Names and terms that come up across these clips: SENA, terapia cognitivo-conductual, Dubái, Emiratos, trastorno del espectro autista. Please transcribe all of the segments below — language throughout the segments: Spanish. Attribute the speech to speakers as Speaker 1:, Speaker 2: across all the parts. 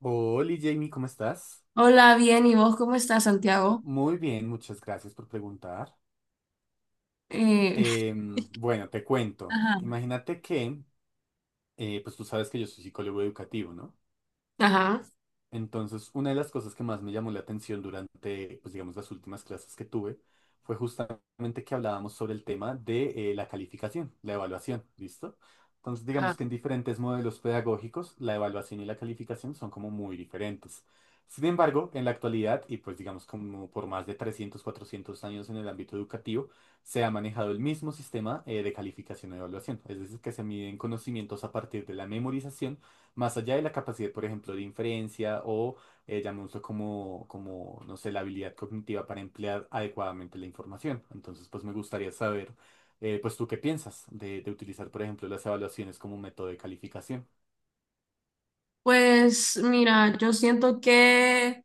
Speaker 1: Hola Jamie, ¿cómo estás?
Speaker 2: Hola, bien, ¿y vos cómo estás, Santiago?
Speaker 1: Muy bien, muchas gracias por preguntar.
Speaker 2: Eh,
Speaker 1: Bueno, te cuento.
Speaker 2: ajá,
Speaker 1: Imagínate que, pues tú sabes que yo soy psicólogo educativo, ¿no?
Speaker 2: ajá,
Speaker 1: Entonces, una de las cosas que más me llamó la atención durante, pues digamos, las últimas clases que tuve fue justamente que hablábamos sobre el tema de la calificación, la evaluación, ¿listo? Entonces, digamos
Speaker 2: ajá.
Speaker 1: que en diferentes modelos pedagógicos, la evaluación y la calificación son como muy diferentes. Sin embargo, en la actualidad, y pues digamos como por más de 300 400 años en el ámbito educativo, se ha manejado el mismo sistema de calificación y evaluación. Es decir, que se miden conocimientos a partir de la memorización más allá de la capacidad, por ejemplo, de inferencia o llamémoslo como, no sé, la habilidad cognitiva para emplear adecuadamente la información. Entonces, pues me gustaría saber, pues tú qué piensas de utilizar, por ejemplo, las evaluaciones como un método de calificación.
Speaker 2: Pues mira, yo siento que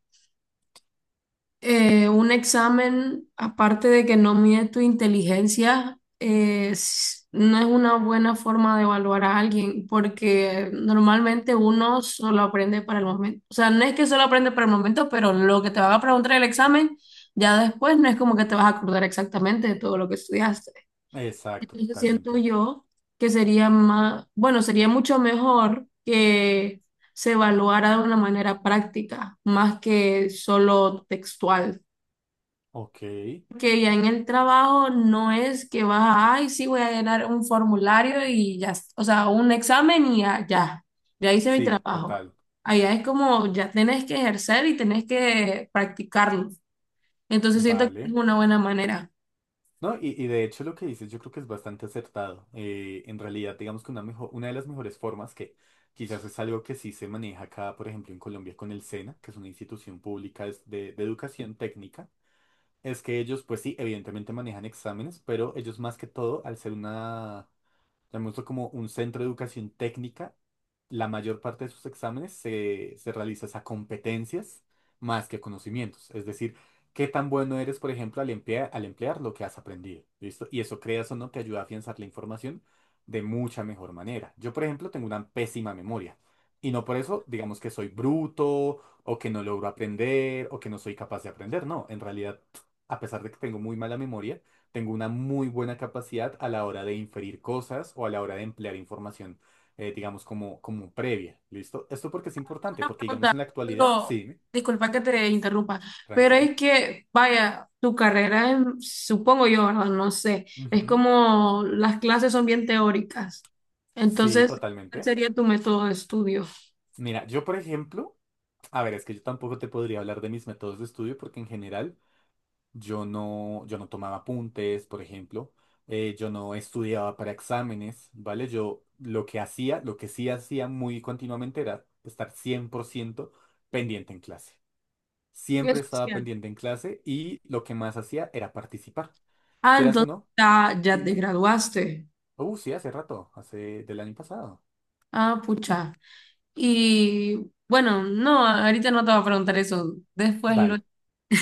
Speaker 2: un examen, aparte de que no mide tu inteligencia, es- no es una buena forma de evaluar a alguien, porque normalmente uno solo aprende para el momento. O sea, no es que solo aprende para el momento, pero lo que te van a preguntar en el examen, ya después no es como que te vas a acordar exactamente de todo lo que estudiaste.
Speaker 1: Exacto,
Speaker 2: Entonces siento
Speaker 1: totalmente.
Speaker 2: yo que sería más, bueno, sería mucho mejor que se evaluara de una manera práctica, más que solo textual.
Speaker 1: Ok,
Speaker 2: Porque ya en el trabajo no es que vas a, ay, sí, voy a llenar un formulario y ya, o sea, un examen y ya, ya, ya hice mi
Speaker 1: sí,
Speaker 2: trabajo.
Speaker 1: total.
Speaker 2: Allá es como, ya tenés que ejercer y tenés que practicarlo. Entonces siento que es
Speaker 1: Vale.
Speaker 2: una buena manera.
Speaker 1: No, y de hecho lo que dices yo creo que es bastante acertado. En realidad, digamos que una de las mejores formas que quizás es algo que sí se maneja acá, por ejemplo, en Colombia con el SENA, que es una institución pública es de educación técnica, es que ellos, pues sí, evidentemente manejan exámenes, pero ellos más que todo, al ser una le muestro como un centro de educación técnica. La mayor parte de sus exámenes se realiza es a competencias más que a conocimientos. Es decir, qué tan bueno eres, por ejemplo, al emplear lo que has aprendido. ¿Listo? Y eso, creas o no, te ayuda a afianzar la información de mucha mejor manera. Yo, por ejemplo, tengo una pésima memoria. Y no por eso, digamos que soy bruto, o que no logro aprender, o que no soy capaz de aprender. No, en realidad, a pesar de que tengo muy mala memoria, tengo una muy buena capacidad a la hora de inferir cosas o a la hora de emplear información, digamos, como previa. ¿Listo? Esto porque es importante,
Speaker 2: Una
Speaker 1: porque digamos en la
Speaker 2: pregunta,
Speaker 1: actualidad,
Speaker 2: pero
Speaker 1: sí,
Speaker 2: disculpa que te interrumpa, pero
Speaker 1: tranquila.
Speaker 2: es que, vaya, tu carrera, en- supongo yo, ¿verdad? No sé, es
Speaker 1: Ujú.
Speaker 2: como las clases son bien teóricas.
Speaker 1: Sí,
Speaker 2: Entonces, ¿cuál
Speaker 1: totalmente.
Speaker 2: sería tu método de estudio?
Speaker 1: Mira, yo por ejemplo, a ver, es que yo tampoco te podría hablar de mis métodos de estudio porque en general yo no tomaba apuntes, por ejemplo, yo no estudiaba para exámenes, ¿vale? Yo lo que hacía, lo que sí hacía muy continuamente era estar 100% pendiente en clase.
Speaker 2: Y es
Speaker 1: Siempre estaba
Speaker 2: social.
Speaker 1: pendiente en clase y lo que más hacía era participar.
Speaker 2: Ah,
Speaker 1: Quieras o
Speaker 2: entonces
Speaker 1: no,
Speaker 2: ya, ya te
Speaker 1: dime.
Speaker 2: graduaste.
Speaker 1: Sí, hace rato, hace del año pasado.
Speaker 2: Ah, pucha. Y bueno, no, ahorita no te voy a preguntar eso, después lo...
Speaker 1: Dale.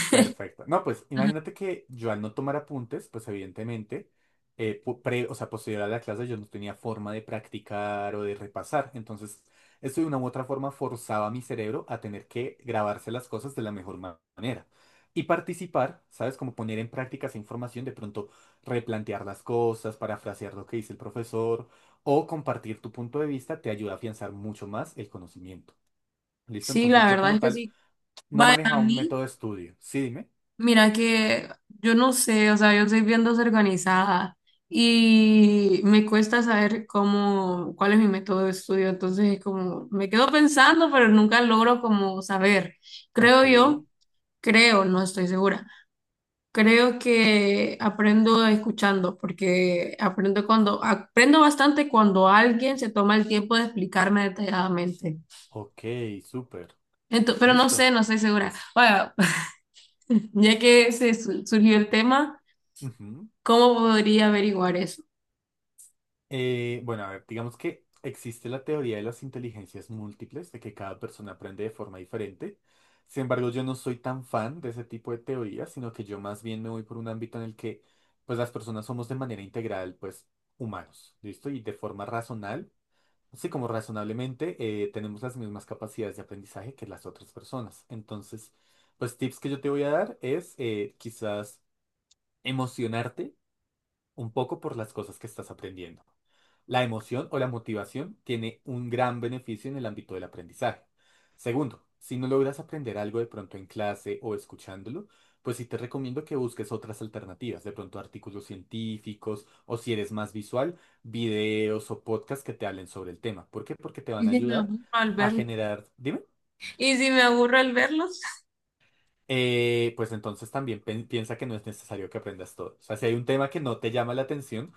Speaker 1: Perfecto. No, pues
Speaker 2: Ujú.
Speaker 1: imagínate que yo al no tomar apuntes, pues evidentemente, o sea, posterior a la clase yo no tenía forma de practicar o de repasar. Entonces, esto de una u otra forma forzaba a mi cerebro a tener que grabarse las cosas de la mejor manera. Y participar, ¿sabes? Como poner en práctica esa información, de pronto replantear las cosas, parafrasear lo que dice el profesor o compartir tu punto de vista te ayuda a afianzar mucho más el conocimiento. ¿Listo?
Speaker 2: Sí,
Speaker 1: Entonces,
Speaker 2: la
Speaker 1: yo
Speaker 2: verdad
Speaker 1: como
Speaker 2: es que
Speaker 1: tal
Speaker 2: sí.
Speaker 1: no
Speaker 2: Vaya, a
Speaker 1: manejaba un
Speaker 2: mí.
Speaker 1: método de estudio. Sí, dime.
Speaker 2: Mira que yo no sé, o sea, yo soy bien desorganizada y me cuesta saber cómo, cuál es mi método de estudio, entonces es como me quedo pensando, pero nunca logro como saber. Creo
Speaker 1: Ok,
Speaker 2: yo, creo, no estoy segura. Creo que aprendo escuchando, porque aprendo cuando aprendo bastante cuando alguien se toma el tiempo de explicarme detalladamente.
Speaker 1: ok, súper.
Speaker 2: Pero no sé,
Speaker 1: Listo.
Speaker 2: no estoy segura. Bueno, ya que se surgió el tema.
Speaker 1: Ujú.
Speaker 2: ¿Cómo podría averiguar eso?
Speaker 1: Bueno, a ver, digamos que existe la teoría de las inteligencias múltiples, de que cada persona aprende de forma diferente. Sin embargo, yo no soy tan fan de ese tipo de teorías, sino que yo más bien me voy por un ámbito en el que, pues, las personas somos de manera integral, pues, humanos, ¿listo? Y de forma razonal, así como razonablemente, tenemos las mismas capacidades de aprendizaje que las otras personas. Entonces, pues, tips que yo te voy a dar es, quizás emocionarte un poco por las cosas que estás aprendiendo. La emoción o la motivación tiene un gran beneficio en el ámbito del aprendizaje. Segundo, si no logras aprender algo de pronto en clase o escuchándolo, pues sí te recomiendo que busques otras alternativas, de pronto artículos científicos o si eres más visual, videos o podcasts que te hablen sobre el tema. ¿Por qué? Porque te van
Speaker 2: ¿Y
Speaker 1: a
Speaker 2: si me
Speaker 1: ayudar
Speaker 2: aburro al
Speaker 1: a
Speaker 2: verlos?
Speaker 1: generar, dime,
Speaker 2: ¿Y si me aburro al verlos?
Speaker 1: Pues entonces también piensa que no es necesario que aprendas todo. O sea, si hay un tema que no te llama la atención,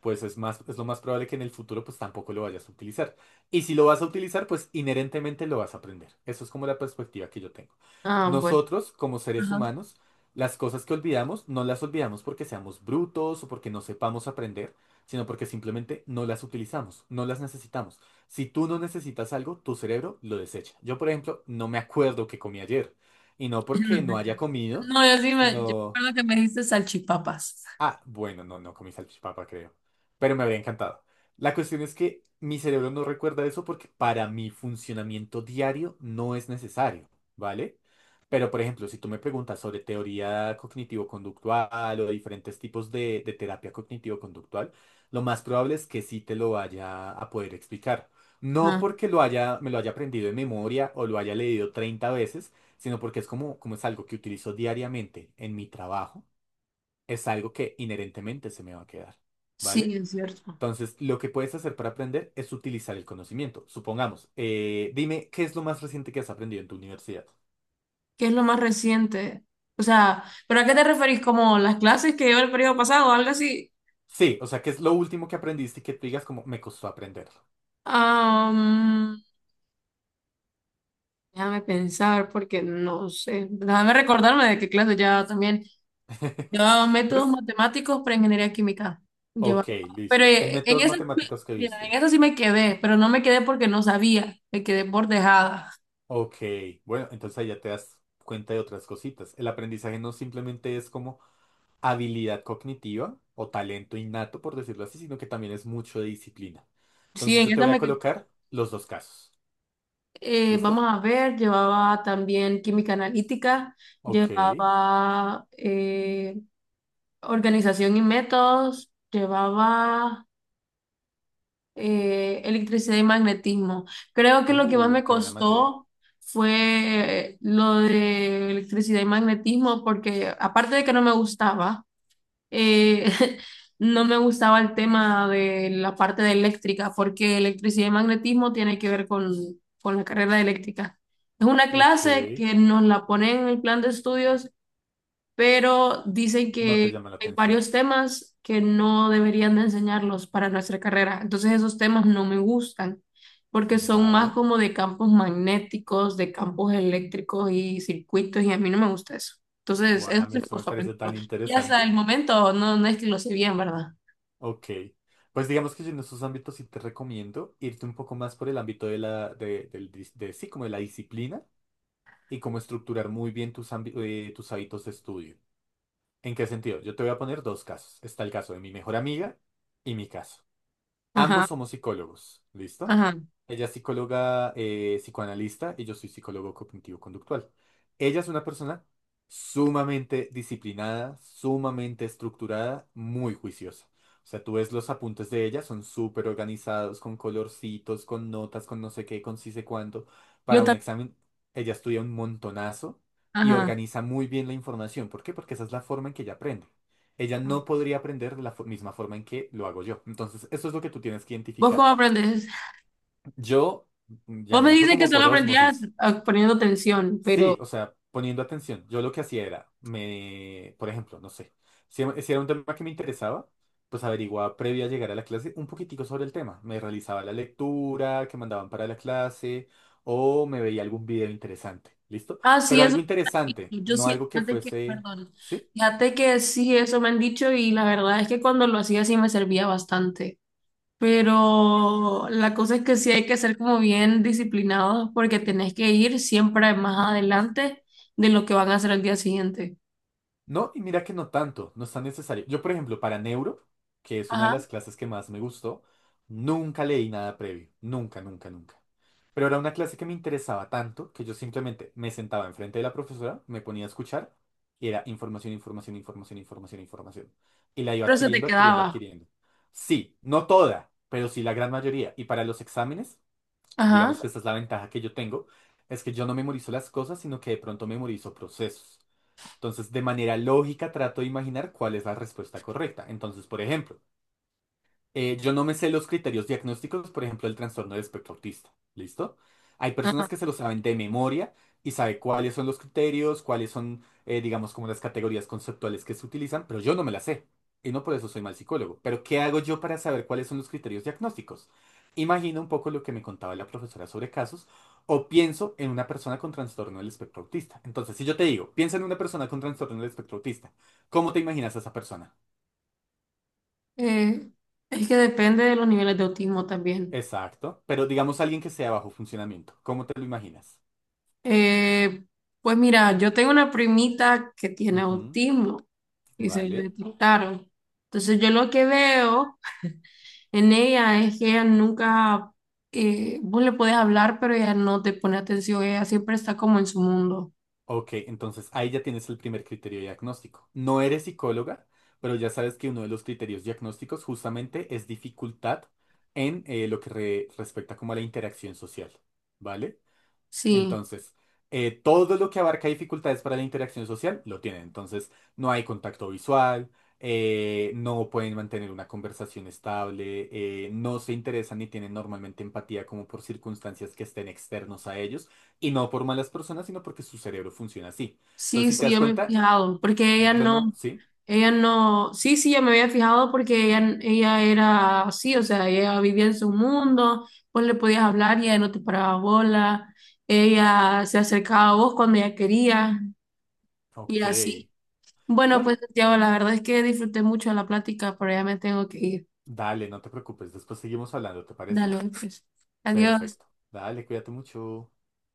Speaker 1: pues es más, es lo más probable que en el futuro pues tampoco lo vayas a utilizar. Y si lo vas a utilizar, pues inherentemente lo vas a aprender. Eso es como la perspectiva que yo tengo.
Speaker 2: Ah, bueno.
Speaker 1: Nosotros, como seres
Speaker 2: Ajá.
Speaker 1: humanos, las cosas que olvidamos, no las olvidamos porque seamos brutos o porque no sepamos aprender, sino porque simplemente no las utilizamos, no las necesitamos. Si tú no necesitas algo, tu cerebro lo desecha. Yo, por ejemplo, no me acuerdo qué comí ayer. Y no porque
Speaker 2: No, me
Speaker 1: no haya
Speaker 2: acuerdo.
Speaker 1: comido,
Speaker 2: No, yo sí me, yo
Speaker 1: sino...
Speaker 2: recuerdo que me dijiste salchipapas.
Speaker 1: Ah, bueno, no, no comí salchipapa, creo. Pero me habría encantado. La cuestión es que mi cerebro no recuerda eso porque para mi funcionamiento diario no es necesario, ¿vale? Pero, por ejemplo, si tú me preguntas sobre teoría cognitivo-conductual o diferentes tipos de terapia cognitivo-conductual, lo más probable es que sí te lo vaya a poder explicar. No
Speaker 2: Ah,
Speaker 1: porque lo haya, me lo haya aprendido de memoria o lo haya leído 30 veces, sino porque es como es algo que utilizo diariamente en mi trabajo es algo que inherentemente se me va a quedar,
Speaker 2: sí,
Speaker 1: ¿vale?
Speaker 2: es cierto.
Speaker 1: Entonces, lo que puedes hacer para aprender es utilizar el conocimiento. Supongamos, dime, ¿qué es lo más reciente que has aprendido en tu universidad?
Speaker 2: ¿Qué es lo más reciente? O sea, ¿pero a qué te referís? ¿Como las clases que lleva el periodo pasado o algo así?
Speaker 1: Sí, o sea, ¿qué es lo último que aprendiste y que tú digas como me costó aprenderlo?
Speaker 2: Am, déjame pensar porque no sé. Déjame recordarme de qué clase ya también. Llevaba métodos
Speaker 1: ¿Ves?
Speaker 2: matemáticos para ingeniería química.
Speaker 1: Ok,
Speaker 2: Llevaba. Pero
Speaker 1: listo. En
Speaker 2: en
Speaker 1: métodos
Speaker 2: eso,
Speaker 1: matemáticos que
Speaker 2: mira, en
Speaker 1: viste.
Speaker 2: eso sí me quedé, pero no me quedé porque no sabía, me quedé por dejada.
Speaker 1: Ok, bueno, entonces ahí ya te das cuenta de otras cositas. El aprendizaje no simplemente es como habilidad cognitiva o talento innato, por decirlo así, sino que también es mucho de disciplina.
Speaker 2: Sí,
Speaker 1: Entonces
Speaker 2: en
Speaker 1: yo te
Speaker 2: esa
Speaker 1: voy a
Speaker 2: me quedé.
Speaker 1: colocar los dos casos.
Speaker 2: Vamos
Speaker 1: ¿Listo?
Speaker 2: a ver, llevaba también química analítica,
Speaker 1: Ok.
Speaker 2: llevaba organización y métodos, llevaba electricidad y magnetismo. Creo que lo que más me
Speaker 1: Qué buena materia.
Speaker 2: costó fue lo de electricidad y magnetismo, porque aparte de que no me gustaba, eh, no me gustaba el tema de la parte de eléctrica, porque electricidad y magnetismo tiene que ver con la carrera de eléctrica. Es una
Speaker 1: Ok.
Speaker 2: clase que nos la ponen en el plan de estudios, pero dicen
Speaker 1: No te
Speaker 2: que
Speaker 1: llama la
Speaker 2: hay
Speaker 1: atención.
Speaker 2: varios temas que no deberían de enseñarlos para nuestra carrera. Entonces esos temas no me gustan porque son más
Speaker 1: Vale.
Speaker 2: como de campos magnéticos, de campos eléctricos y circuitos y a mí no me gusta eso. Entonces
Speaker 1: Buah, a
Speaker 2: eso
Speaker 1: mí
Speaker 2: se me
Speaker 1: esto me
Speaker 2: costó
Speaker 1: parece
Speaker 2: aprenderlo.
Speaker 1: tan
Speaker 2: Y hasta
Speaker 1: interesante.
Speaker 2: el momento no, no es que lo sé bien, ¿verdad?
Speaker 1: Ok. Pues digamos que yo en esos ámbitos sí te recomiendo irte un poco más por el ámbito de la, de, del dis- de- sí, como de la disciplina y cómo estructurar muy bien tus hábitos de estudio. ¿En qué sentido? Yo te voy a poner dos casos. Está el caso de mi mejor amiga y mi caso.
Speaker 2: Ajá,
Speaker 1: Ambos somos psicólogos, ¿listo?
Speaker 2: ajá.
Speaker 1: Ella es psicóloga psicoanalista y yo soy psicólogo cognitivo-conductual. Ella es una persona sumamente disciplinada, sumamente estructurada, muy juiciosa. O sea, tú ves los apuntes de ella, son súper organizados, con colorcitos, con notas, con no sé qué, con sí sé cuánto.
Speaker 2: Yo
Speaker 1: Para un
Speaker 2: también,
Speaker 1: examen, ella estudia un montonazo y
Speaker 2: ajá.
Speaker 1: organiza muy bien la información. ¿Por qué? Porque esa es la forma en que ella aprende. Ella no podría aprender de la misma forma en que lo hago yo. Entonces, eso es lo que tú tienes que
Speaker 2: ¿Vos
Speaker 1: identificar.
Speaker 2: cómo aprendes?
Speaker 1: Yo,
Speaker 2: Vos me
Speaker 1: llamémoslo
Speaker 2: dices que
Speaker 1: como
Speaker 2: solo
Speaker 1: por
Speaker 2: aprendías
Speaker 1: ósmosis.
Speaker 2: ah, poniendo tensión,
Speaker 1: Sí,
Speaker 2: pero...
Speaker 1: o sea, poniendo atención, yo lo que hacía era, me, por ejemplo, no sé, si era un tema que me interesaba, pues averiguaba previo a llegar a la clase un poquitico sobre el tema. Me realizaba la lectura que mandaban para la clase o me veía algún video interesante. ¿Listo?
Speaker 2: Ah, sí,
Speaker 1: Pero
Speaker 2: eso
Speaker 1: algo
Speaker 2: me han dicho.
Speaker 1: interesante,
Speaker 2: Yo
Speaker 1: no
Speaker 2: sí,
Speaker 1: algo que
Speaker 2: fíjate que,
Speaker 1: fuese...
Speaker 2: perdón,
Speaker 1: ¿sí?
Speaker 2: fíjate que sí, eso me han dicho y la verdad es que cuando lo hacía sí me servía bastante. Pero la cosa es que sí hay que ser como bien disciplinados porque tenés que ir siempre más adelante de lo que van a hacer el día siguiente.
Speaker 1: No, y mira que no tanto, no es tan necesario. Yo, por ejemplo, para Neuro, que es una de
Speaker 2: Ajá,
Speaker 1: las clases que más me gustó, nunca leí nada previo, nunca, nunca, nunca. Pero era una clase que me interesaba tanto que yo simplemente me sentaba enfrente de la profesora, me ponía a escuchar y era información, información, información, información, información. Y la iba
Speaker 2: pero se te
Speaker 1: adquiriendo, adquiriendo,
Speaker 2: quedaba.
Speaker 1: adquiriendo. Sí, no toda, pero sí la gran mayoría. Y para los exámenes, digamos
Speaker 2: Ajá,
Speaker 1: que esta es la ventaja que yo tengo, es que yo no memorizo las cosas, sino que de pronto memorizo procesos. Entonces, de manera lógica, trato de imaginar cuál es la respuesta correcta. Entonces, por ejemplo, yo no me sé los criterios diagnósticos, por ejemplo, del trastorno del espectro autista. ¿Listo? Hay personas
Speaker 2: ajá.
Speaker 1: que se lo saben de memoria y sabe cuáles son los criterios, digamos, como las categorías conceptuales que se utilizan, pero yo no me las sé. Y no por eso soy mal psicólogo. Pero ¿qué hago yo para saber cuáles son los criterios diagnósticos? Imagino un poco lo que me contaba la profesora sobre casos o pienso en una persona con trastorno del espectro autista. Entonces, si yo te digo, piensa en una persona con trastorno del espectro autista, ¿cómo te imaginas a esa persona?
Speaker 2: Eh, es que depende de los niveles de autismo también.
Speaker 1: Exacto. Pero digamos alguien que sea de bajo funcionamiento. ¿Cómo te lo imaginas?
Speaker 2: Eh, pues mira, yo tengo una primita que tiene
Speaker 1: Ujú,
Speaker 2: autismo, y se le
Speaker 1: vale.
Speaker 2: detectaron. Entonces yo lo que veo en ella es que ella nunca, vos le podés hablar, pero ella no te pone atención, ella siempre está como en su mundo.
Speaker 1: Ok, entonces ahí ya tienes el primer criterio diagnóstico. No eres psicóloga, pero ya sabes que uno de los criterios diagnósticos justamente es dificultad en lo que respecta como a la interacción social. ¿Vale?
Speaker 2: Sí,
Speaker 1: Entonces, todo lo que abarca dificultades para la interacción social lo tienen. Entonces, no hay contacto visual, no pueden mantener una conversación estable, no se interesan ni tienen normalmente empatía como por circunstancias que estén externos a ellos, y no por malas personas, sino porque su cerebro funciona así. Entonces,
Speaker 2: sí,
Speaker 1: si te
Speaker 2: sí,
Speaker 1: das
Speaker 2: yo me he
Speaker 1: cuenta,
Speaker 2: fijado, porque
Speaker 1: yo no, sí,
Speaker 2: ella no, sí, sí, yo me había fijado porque ella era así, o sea, ella vivía en su mundo, vos le podías hablar y ella no te paraba bola, ella se acercaba a vos cuando ella quería y
Speaker 1: ok.
Speaker 2: así.
Speaker 1: No,
Speaker 2: Bueno, pues Santiago, la verdad es que disfruté mucho la plática, pero ya me tengo que ir.
Speaker 1: dale, no te preocupes, después seguimos hablando, ¿te parece?
Speaker 2: Dale, pues. Adiós.
Speaker 1: Perfecto. Dale, cuídate mucho.